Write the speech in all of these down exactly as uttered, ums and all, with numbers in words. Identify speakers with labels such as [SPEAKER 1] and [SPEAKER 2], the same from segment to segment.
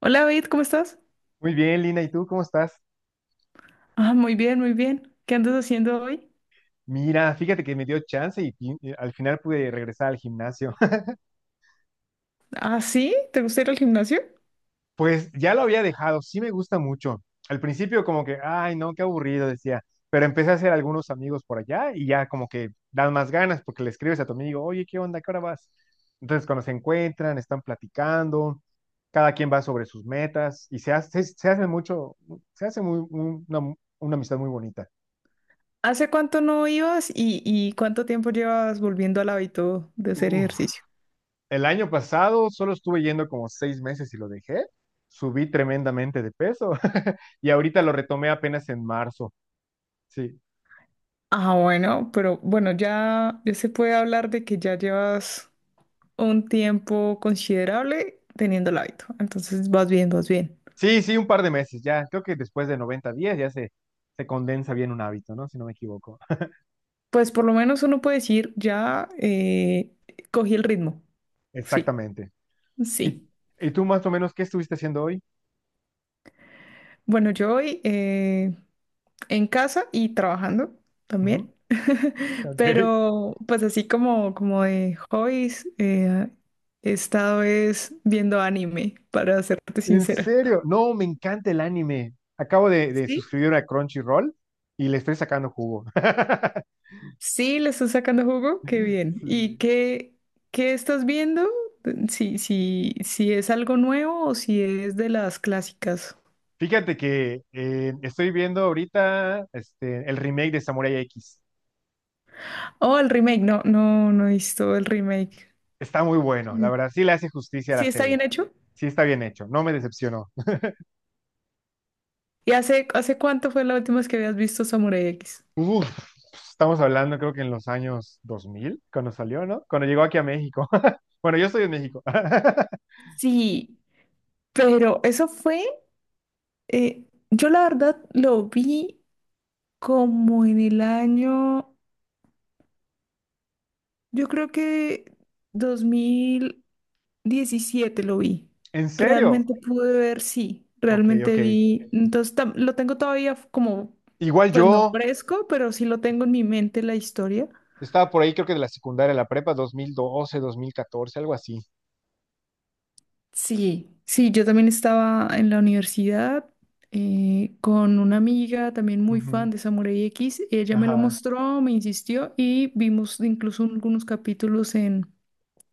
[SPEAKER 1] Hola, David, ¿cómo estás?
[SPEAKER 2] Muy bien, Lina, ¿y tú cómo estás?
[SPEAKER 1] Ah, muy bien, muy bien. ¿Qué andas haciendo hoy?
[SPEAKER 2] Mira, fíjate que me dio chance y, fin- y al final pude regresar al gimnasio.
[SPEAKER 1] Ah, sí, ¿te gusta ir al gimnasio?
[SPEAKER 2] Pues ya lo había dejado, sí me gusta mucho. Al principio como que, ay, no, qué aburrido, decía, pero empecé a hacer algunos amigos por allá y ya como que dan más ganas porque le escribes a tu amigo, oye, ¿qué onda? ¿Qué hora vas? Entonces cuando se encuentran, están platicando, cada quien va sobre sus metas y se hace, se hace mucho, se hace muy, un- una, una amistad muy bonita.
[SPEAKER 1] ¿Hace cuánto no ibas y, y cuánto tiempo llevas volviendo al hábito de hacer
[SPEAKER 2] Uf.
[SPEAKER 1] ejercicio?
[SPEAKER 2] El año pasado solo estuve yendo como seis meses y lo dejé. Subí tremendamente de peso y ahorita lo retomé apenas en marzo. Sí,
[SPEAKER 1] Ah, bueno, pero bueno, ya, ya se puede hablar de que ya llevas un tiempo considerable teniendo el hábito. Entonces vas bien, vas bien.
[SPEAKER 2] sí, sí, un par de meses ya. Creo que después de noventa días ya se, se condensa bien un hábito, ¿no? Si no me equivoco.
[SPEAKER 1] Pues por lo menos uno puede decir, ya eh, cogí el ritmo. Sí,
[SPEAKER 2] Exactamente. ¿Y,
[SPEAKER 1] sí.
[SPEAKER 2] y tú más o menos qué estuviste haciendo hoy?
[SPEAKER 1] Bueno, yo hoy... eh, en casa y trabajando
[SPEAKER 2] Ujú,
[SPEAKER 1] también.
[SPEAKER 2] ok.
[SPEAKER 1] Pero pues así como, como de hobbies, eh, he estado es viendo anime, para serte
[SPEAKER 2] ¿En
[SPEAKER 1] sincera.
[SPEAKER 2] serio? No, me encanta el anime. Acabo de, de
[SPEAKER 1] Sí,
[SPEAKER 2] suscribir a Crunchyroll y le estoy sacando jugo.
[SPEAKER 1] sí, le estás sacando jugo, qué bien. ¿Y
[SPEAKER 2] Sí.
[SPEAKER 1] qué, qué estás viendo? Si, si, si es algo nuevo o si es de las clásicas.
[SPEAKER 2] Fíjate que eh, estoy viendo ahorita este, el remake de Samurai X.
[SPEAKER 1] Oh, el remake, no, no, no he visto el remake.
[SPEAKER 2] Está muy bueno,
[SPEAKER 1] Mm.
[SPEAKER 2] la verdad, sí le hace justicia a
[SPEAKER 1] ¿Sí
[SPEAKER 2] la
[SPEAKER 1] está
[SPEAKER 2] serie.
[SPEAKER 1] bien hecho?
[SPEAKER 2] Sí está bien hecho, no me decepcionó.
[SPEAKER 1] ¿Y hace, hace cuánto fue la última vez que habías visto Samurai X?
[SPEAKER 2] Uf, estamos hablando creo que en los años dos mil cuando salió, ¿no? Cuando llegó aquí a México. Bueno, yo estoy en México.
[SPEAKER 1] Sí. Pero eso fue, eh, yo la verdad lo vi como en el año, yo creo que dos mil diecisiete lo vi.
[SPEAKER 2] ¿En serio?
[SPEAKER 1] Realmente pude ver, sí,
[SPEAKER 2] Ok,
[SPEAKER 1] realmente
[SPEAKER 2] ok.
[SPEAKER 1] vi. Entonces tam- lo tengo todavía f- como,
[SPEAKER 2] Igual
[SPEAKER 1] pues no
[SPEAKER 2] yo
[SPEAKER 1] fresco, pero sí lo tengo en mi mente la historia.
[SPEAKER 2] estaba por ahí creo que de la secundaria, a la prepa, dos mil doce, dos mil catorce, algo así.
[SPEAKER 1] Sí, sí, yo también estaba en la universidad eh, con una amiga también muy
[SPEAKER 2] Ujú,
[SPEAKER 1] fan de Samurai X. Ella me lo
[SPEAKER 2] ajá.
[SPEAKER 1] mostró, me insistió y vimos incluso algunos capítulos en,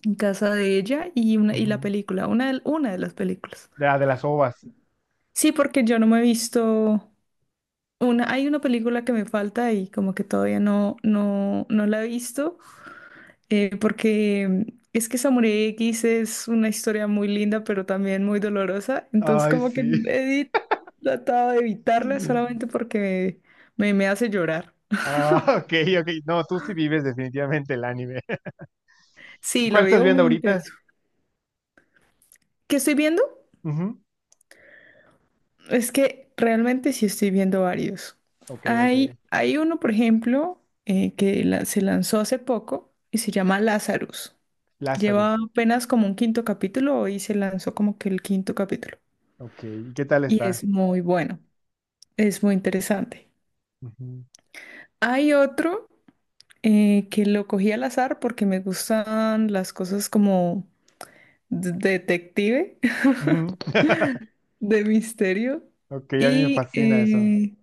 [SPEAKER 1] en casa de ella y, una, y la
[SPEAKER 2] Ujú.
[SPEAKER 1] película, una de, una de las películas.
[SPEAKER 2] De, la- de las ovas.
[SPEAKER 1] Sí, porque yo no me he visto una, hay una película que me falta y como que todavía no, no, no la he visto. eh, porque es que Samurai X es una historia muy linda, pero también muy dolorosa. Entonces,
[SPEAKER 2] Ay,
[SPEAKER 1] como que
[SPEAKER 2] sí.
[SPEAKER 1] no he tratado de evitarla solamente porque me, me hace llorar.
[SPEAKER 2] Ah, ok, ok. No, tú sí vives definitivamente el anime.
[SPEAKER 1] Sí, lo
[SPEAKER 2] ¿Cuál estás
[SPEAKER 1] vivo
[SPEAKER 2] viendo
[SPEAKER 1] muy
[SPEAKER 2] ahorita?
[SPEAKER 1] intenso. ¿Qué estoy viendo?
[SPEAKER 2] Ujú.
[SPEAKER 1] Es que realmente sí estoy viendo varios.
[SPEAKER 2] Ok, ok.
[SPEAKER 1] Hay, hay uno, por ejemplo, eh, que la- se lanzó hace poco y se llama Lazarus. Lleva
[SPEAKER 2] Lazarus.
[SPEAKER 1] apenas como un quinto capítulo y se lanzó como que el quinto capítulo.
[SPEAKER 2] Ok, ¿y qué tal
[SPEAKER 1] Y
[SPEAKER 2] está?
[SPEAKER 1] es muy bueno. Es muy interesante.
[SPEAKER 2] Ujú.
[SPEAKER 1] Hay otro eh, que lo cogí al azar porque me gustan las cosas como de- detective,
[SPEAKER 2] Ujú.
[SPEAKER 1] de misterio.
[SPEAKER 2] Ok, a mí me
[SPEAKER 1] Y
[SPEAKER 2] fascina eso.
[SPEAKER 1] eh,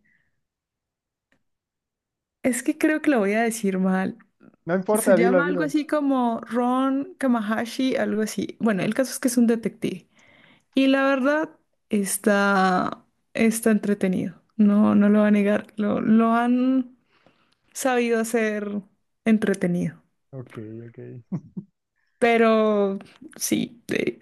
[SPEAKER 1] es que creo que lo voy a decir mal.
[SPEAKER 2] No
[SPEAKER 1] Se
[SPEAKER 2] importa, dilo,
[SPEAKER 1] llama algo
[SPEAKER 2] dilo.
[SPEAKER 1] así como Ron Kamahashi, algo así. Bueno, el caso es que es un detective. Y la verdad está, está entretenido. No, no lo va a negar. Lo, lo han sabido hacer entretenido.
[SPEAKER 2] Ok, ok.
[SPEAKER 1] Pero sí, eh,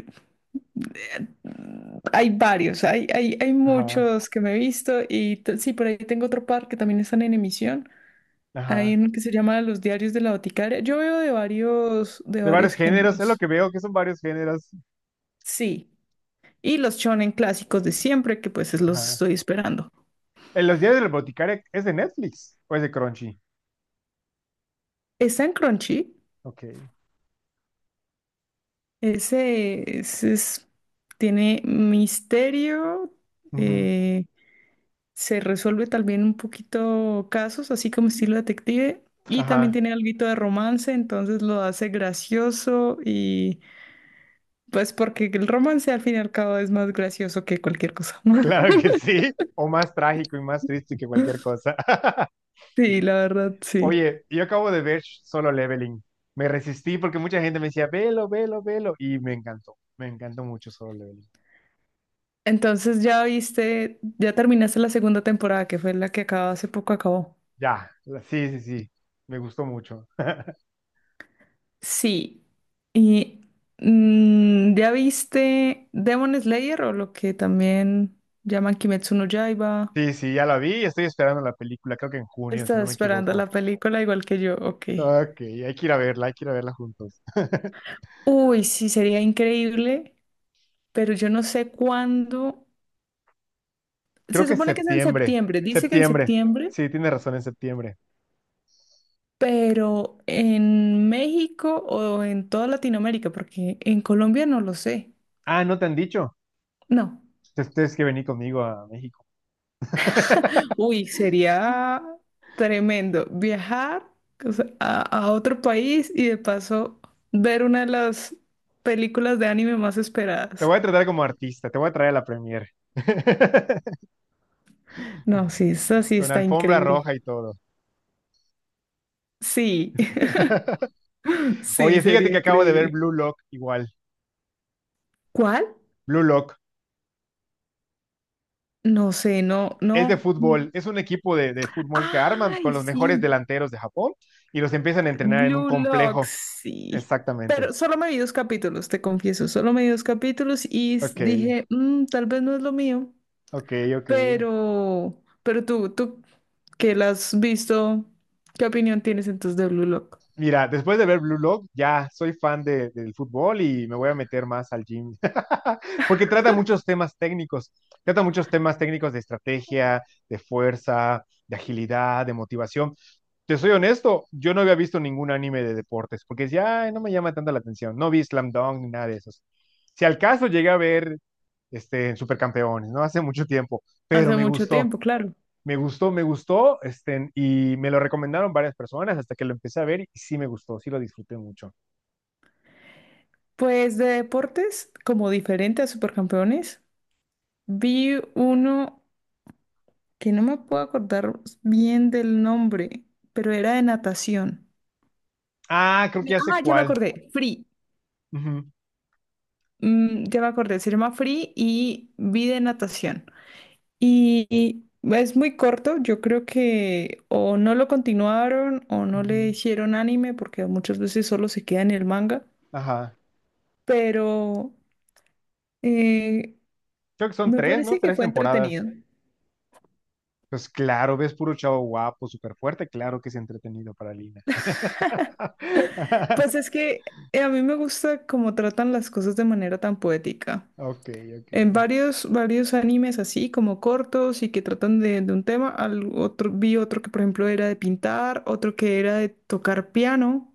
[SPEAKER 1] hay varios, hay, hay, hay
[SPEAKER 2] Ajá,
[SPEAKER 1] muchos que me he visto y t- sí, por ahí tengo otro par que también están en emisión. Hay
[SPEAKER 2] ajá.
[SPEAKER 1] uno que se llama Los Diarios de la Boticaria. Yo veo de varios, de
[SPEAKER 2] De varios
[SPEAKER 1] varios
[SPEAKER 2] géneros, es lo
[SPEAKER 1] géneros.
[SPEAKER 2] que veo, que son varios géneros.
[SPEAKER 1] Sí, y los shonen clásicos de siempre, que pues es- los
[SPEAKER 2] Ajá.
[SPEAKER 1] estoy esperando.
[SPEAKER 2] En los días del boticario, ¿es de Netflix o es de Crunchy?
[SPEAKER 1] Está en Crunchy,
[SPEAKER 2] Ok.
[SPEAKER 1] ese, ese es, tiene misterio,
[SPEAKER 2] Ujú.
[SPEAKER 1] eh, se resuelve también un poquito casos, así como estilo detective, y también
[SPEAKER 2] Ajá.
[SPEAKER 1] tiene algo de romance, entonces lo hace gracioso y pues porque el romance al fin y al cabo es más gracioso que cualquier cosa.
[SPEAKER 2] Claro que sí. O más trágico y más triste que cualquier cosa.
[SPEAKER 1] Sí, la verdad, sí.
[SPEAKER 2] Oye, yo acabo de ver Solo Leveling. Me resistí porque mucha gente me decía, velo, velo, velo. Y me encantó. Me encantó mucho Solo Leveling.
[SPEAKER 1] Entonces ya viste, ya terminaste la segunda temporada, que fue la que acaba hace poco acabó.
[SPEAKER 2] Ya, la- sí, sí, sí. Me gustó mucho.
[SPEAKER 1] Sí. Y mm, ya viste Demon Slayer o lo que también llaman Kimetsu no Yaiba.
[SPEAKER 2] Sí, sí, ya la vi y estoy esperando la película. Creo que en junio, si
[SPEAKER 1] Estás
[SPEAKER 2] no me
[SPEAKER 1] esperando
[SPEAKER 2] equivoco.
[SPEAKER 1] la película igual que yo, ok.
[SPEAKER 2] Ok, hay que ir a verla, hay que ir a verla juntos.
[SPEAKER 1] Uy, sí, sería increíble, pero yo no sé cuándo.
[SPEAKER 2] Creo
[SPEAKER 1] Se
[SPEAKER 2] que es
[SPEAKER 1] supone que es en
[SPEAKER 2] septiembre.
[SPEAKER 1] septiembre, dice que en
[SPEAKER 2] Septiembre.
[SPEAKER 1] septiembre,
[SPEAKER 2] Sí, tienes razón, en septiembre.
[SPEAKER 1] pero en México o en toda Latinoamérica, porque en Colombia no lo sé.
[SPEAKER 2] Ah, ¿no te han dicho?
[SPEAKER 1] No.
[SPEAKER 2] Entonces tienes que venir conmigo a México.
[SPEAKER 1] Uy, sería tremendo viajar o sea, a, a otro país y de paso ver una de las películas de anime más
[SPEAKER 2] Te
[SPEAKER 1] esperadas.
[SPEAKER 2] voy a tratar como artista, te voy a traer a la premier.
[SPEAKER 1] No, sí, esa sí
[SPEAKER 2] Con
[SPEAKER 1] está
[SPEAKER 2] alfombra
[SPEAKER 1] increíble.
[SPEAKER 2] roja y todo.
[SPEAKER 1] Sí. Sí,
[SPEAKER 2] Oye, fíjate
[SPEAKER 1] sería
[SPEAKER 2] que acabo de ver
[SPEAKER 1] increíble.
[SPEAKER 2] Blue Lock igual.
[SPEAKER 1] ¿Cuál?
[SPEAKER 2] Blue Lock
[SPEAKER 1] No sé, no, no.
[SPEAKER 2] es de fútbol, es un equipo de, de fútbol que arman con
[SPEAKER 1] Ay,
[SPEAKER 2] los mejores
[SPEAKER 1] sí.
[SPEAKER 2] delanteros de Japón y los empiezan a entrenar en un
[SPEAKER 1] Blue Lock,
[SPEAKER 2] complejo.
[SPEAKER 1] sí.
[SPEAKER 2] Exactamente.
[SPEAKER 1] Pero solo me vi dos capítulos, te confieso. Solo me vi dos capítulos y s-
[SPEAKER 2] Ok,
[SPEAKER 1] dije, "Mm, tal vez no es lo mío.
[SPEAKER 2] ok, ok.
[SPEAKER 1] Pero, pero tú, tú que la has visto, ¿qué opinión tienes entonces de Blue Lock?
[SPEAKER 2] Mira, después de ver Blue Lock, ya soy fan de- del fútbol y me voy a meter más al gym, porque trata muchos temas técnicos, trata muchos temas técnicos de estrategia, de fuerza, de agilidad, de motivación. Te soy honesto, yo no había visto ningún anime de deportes, porque ya "Ay, no me llama tanto la atención, no vi Slam Dunk ni nada de esos. Si al caso llegué a ver este, Supercampeones, ¿no? Hace mucho tiempo, pero
[SPEAKER 1] Hace
[SPEAKER 2] me
[SPEAKER 1] mucho
[SPEAKER 2] gustó.
[SPEAKER 1] tiempo, claro.
[SPEAKER 2] Me gustó, me gustó, este, y me lo recomendaron varias personas hasta que lo empecé a ver y sí me gustó, sí lo disfruté mucho.
[SPEAKER 1] Pues de deportes, como diferente a Supercampeones, vi uno, que no me puedo acordar bien del nombre, pero era de natación.
[SPEAKER 2] Ah, creo que ya sé
[SPEAKER 1] Ah, ya me
[SPEAKER 2] cuál.
[SPEAKER 1] acordé, Free.
[SPEAKER 2] Ujú,
[SPEAKER 1] Mm, ya me acordé, se llama Free y vi de natación. Y, y es muy corto, yo creo que o no lo continuaron o no le
[SPEAKER 2] ujú.
[SPEAKER 1] hicieron anime, porque muchas veces solo se queda en el manga,
[SPEAKER 2] Ajá.
[SPEAKER 1] pero eh,
[SPEAKER 2] Creo que son
[SPEAKER 1] me
[SPEAKER 2] tres, ¿no?
[SPEAKER 1] parece que
[SPEAKER 2] Tres
[SPEAKER 1] fue
[SPEAKER 2] temporadas.
[SPEAKER 1] entretenido.
[SPEAKER 2] Pues claro, ves puro chavo guapo, súper fuerte, claro que es entretenido para Lina.
[SPEAKER 1] Pues es que eh, a mí me gusta cómo tratan las cosas de manera tan poética.
[SPEAKER 2] Ok, ok.
[SPEAKER 1] En varios, varios animes así, como cortos y que tratan de, de un tema, al otro, vi otro que por ejemplo era de pintar, otro que era de tocar piano,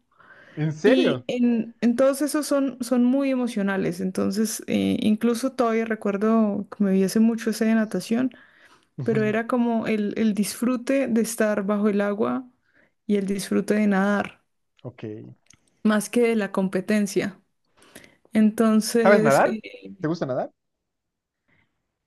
[SPEAKER 2] ¿En
[SPEAKER 1] y
[SPEAKER 2] serio?
[SPEAKER 1] en, en todos esos son, son muy emocionales, entonces eh, incluso todavía recuerdo que me vi hace mucho ese de natación, pero
[SPEAKER 2] Ujú,
[SPEAKER 1] era como el, el disfrute de estar bajo el agua y el disfrute de nadar,
[SPEAKER 2] ok.
[SPEAKER 1] más que de la competencia.
[SPEAKER 2] ¿Sabes
[SPEAKER 1] Entonces,
[SPEAKER 2] nadar?
[SPEAKER 1] eh,
[SPEAKER 2] ¿Te gusta nadar?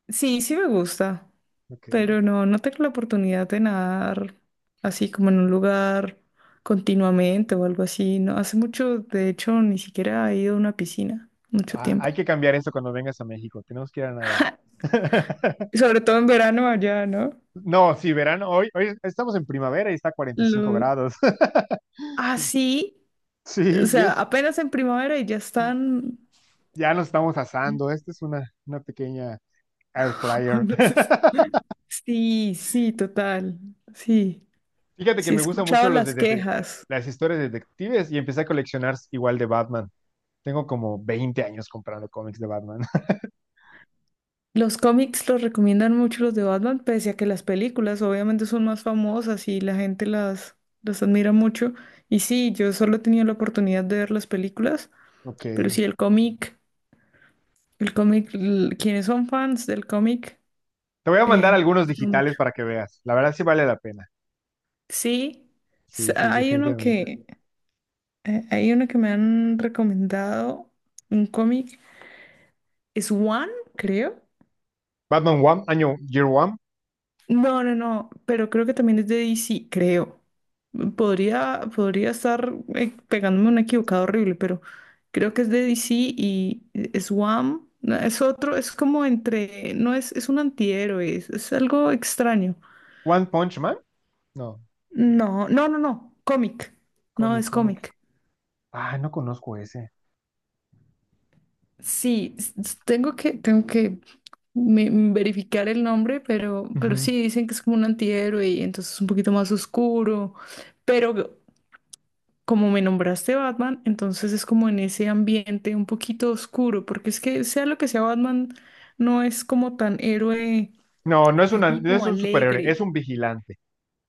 [SPEAKER 1] sí, sí me gusta.
[SPEAKER 2] Ok.
[SPEAKER 1] Pero no, no tengo la oportunidad de nadar así como en un lugar continuamente o algo así. No, hace mucho, de hecho, ni siquiera he ido a una piscina, mucho
[SPEAKER 2] Ah, hay
[SPEAKER 1] tiempo.
[SPEAKER 2] que cambiar eso cuando vengas a México. Tenemos que ir a nadar.
[SPEAKER 1] Y sobre todo en verano allá, ¿no?
[SPEAKER 2] No, sí, verano. Hoy, hoy estamos en primavera y está a cuarenta y cinco
[SPEAKER 1] Lo...
[SPEAKER 2] grados.
[SPEAKER 1] Ah, sí. O
[SPEAKER 2] Sí, y
[SPEAKER 1] sea,
[SPEAKER 2] es,
[SPEAKER 1] apenas en primavera y ya están...
[SPEAKER 2] ya nos estamos asando. Esta es una, una pequeña air fryer.
[SPEAKER 1] no sé si- Sí, sí, total. Sí,
[SPEAKER 2] Fíjate que
[SPEAKER 1] sí he
[SPEAKER 2] me gustan mucho
[SPEAKER 1] escuchado
[SPEAKER 2] los de,
[SPEAKER 1] las
[SPEAKER 2] dete-
[SPEAKER 1] quejas.
[SPEAKER 2] las historias de detectives y empecé a coleccionar igual de Batman. Tengo como veinte años comprando cómics de Batman.
[SPEAKER 1] Los cómics los recomiendan mucho los de Batman, pese a que las películas obviamente son más famosas y la gente las, las admira mucho. Y sí, yo solo he tenido la oportunidad de ver las películas,
[SPEAKER 2] Ok.
[SPEAKER 1] pero sí, el cómic, el cómic, l- quienes son fans del cómic,
[SPEAKER 2] Te voy a mandar
[SPEAKER 1] eh,
[SPEAKER 2] algunos
[SPEAKER 1] gusta
[SPEAKER 2] digitales
[SPEAKER 1] mucho.
[SPEAKER 2] para que veas. La verdad sí vale la pena.
[SPEAKER 1] Sí,
[SPEAKER 2] Sí,
[SPEAKER 1] s-
[SPEAKER 2] sí,
[SPEAKER 1] hay uno
[SPEAKER 2] definitivamente.
[SPEAKER 1] que, eh, hay uno que me han recomendado, un cómic, es One, creo.
[SPEAKER 2] Batman One, año Year One.
[SPEAKER 1] No, no, no, pero creo que también es de D C, creo. Podría, podría estar eh, pegándome un equivocado horrible, pero creo que es de D C y es Wham. No, es otro, es como entre, no es, es un antihéroe, es, es algo extraño.
[SPEAKER 2] One Punch Man. No,
[SPEAKER 1] No, no, no, no, cómic. No,
[SPEAKER 2] cómic,
[SPEAKER 1] es
[SPEAKER 2] cómic.
[SPEAKER 1] cómic.
[SPEAKER 2] Ah, no conozco ese.
[SPEAKER 1] Sí, s- s- tengo que, tengo que me- me verificar el nombre, pero, pero
[SPEAKER 2] Ujú.
[SPEAKER 1] sí, dicen que es como un antihéroe y entonces es un poquito más oscuro. Pero como me nombraste Batman, entonces es como en ese ambiente un poquito oscuro, porque es que sea lo que sea Batman, no es como tan héroe
[SPEAKER 2] No, no es una,
[SPEAKER 1] así
[SPEAKER 2] no es
[SPEAKER 1] como
[SPEAKER 2] un superhéroe, es
[SPEAKER 1] alegre.
[SPEAKER 2] un vigilante.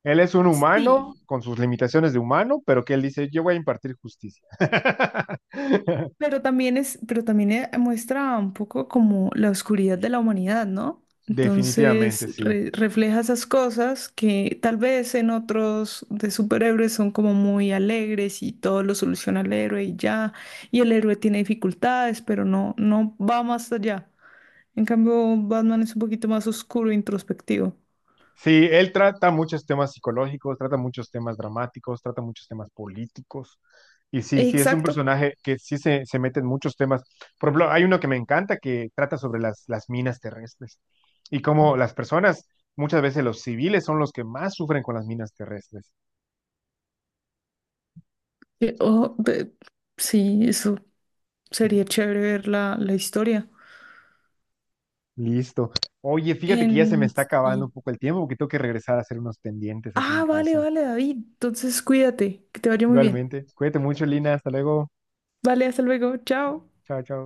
[SPEAKER 2] Él es un humano
[SPEAKER 1] Sí,
[SPEAKER 2] con sus limitaciones de humano, pero que él dice, yo voy a impartir justicia.
[SPEAKER 1] pero también es, pero también eh, muestra un poco como la oscuridad de la humanidad, ¿no?
[SPEAKER 2] Definitivamente,
[SPEAKER 1] Entonces
[SPEAKER 2] sí.
[SPEAKER 1] re- refleja esas cosas que tal vez en otros de superhéroes son como muy alegres y todo lo soluciona el héroe y ya, y el héroe tiene dificultades, pero no, no va más allá. En cambio, Batman es un poquito más oscuro e introspectivo.
[SPEAKER 2] Sí, él trata muchos temas psicológicos, trata muchos temas dramáticos, trata muchos temas políticos. Y sí, sí, es un
[SPEAKER 1] Exacto.
[SPEAKER 2] personaje que sí se, se mete en muchos temas. Por ejemplo, hay uno que me encanta que trata sobre las, las, minas terrestres y cómo las personas, muchas veces los civiles, son los que más sufren con las minas terrestres.
[SPEAKER 1] Eh, oh, de- sí, eso sería chévere ver la, la historia.
[SPEAKER 2] Listo. Oye, fíjate que ya se me
[SPEAKER 1] En
[SPEAKER 2] está acabando un
[SPEAKER 1] sí.
[SPEAKER 2] poco el tiempo porque tengo que regresar a hacer unos pendientes aquí en
[SPEAKER 1] Ah, vale,
[SPEAKER 2] casa.
[SPEAKER 1] vale, David. Entonces, cuídate, que te vaya muy bien.
[SPEAKER 2] Igualmente, cuídate mucho, Lina. Hasta luego.
[SPEAKER 1] Vale, hasta luego. Chao.
[SPEAKER 2] Chao, chao.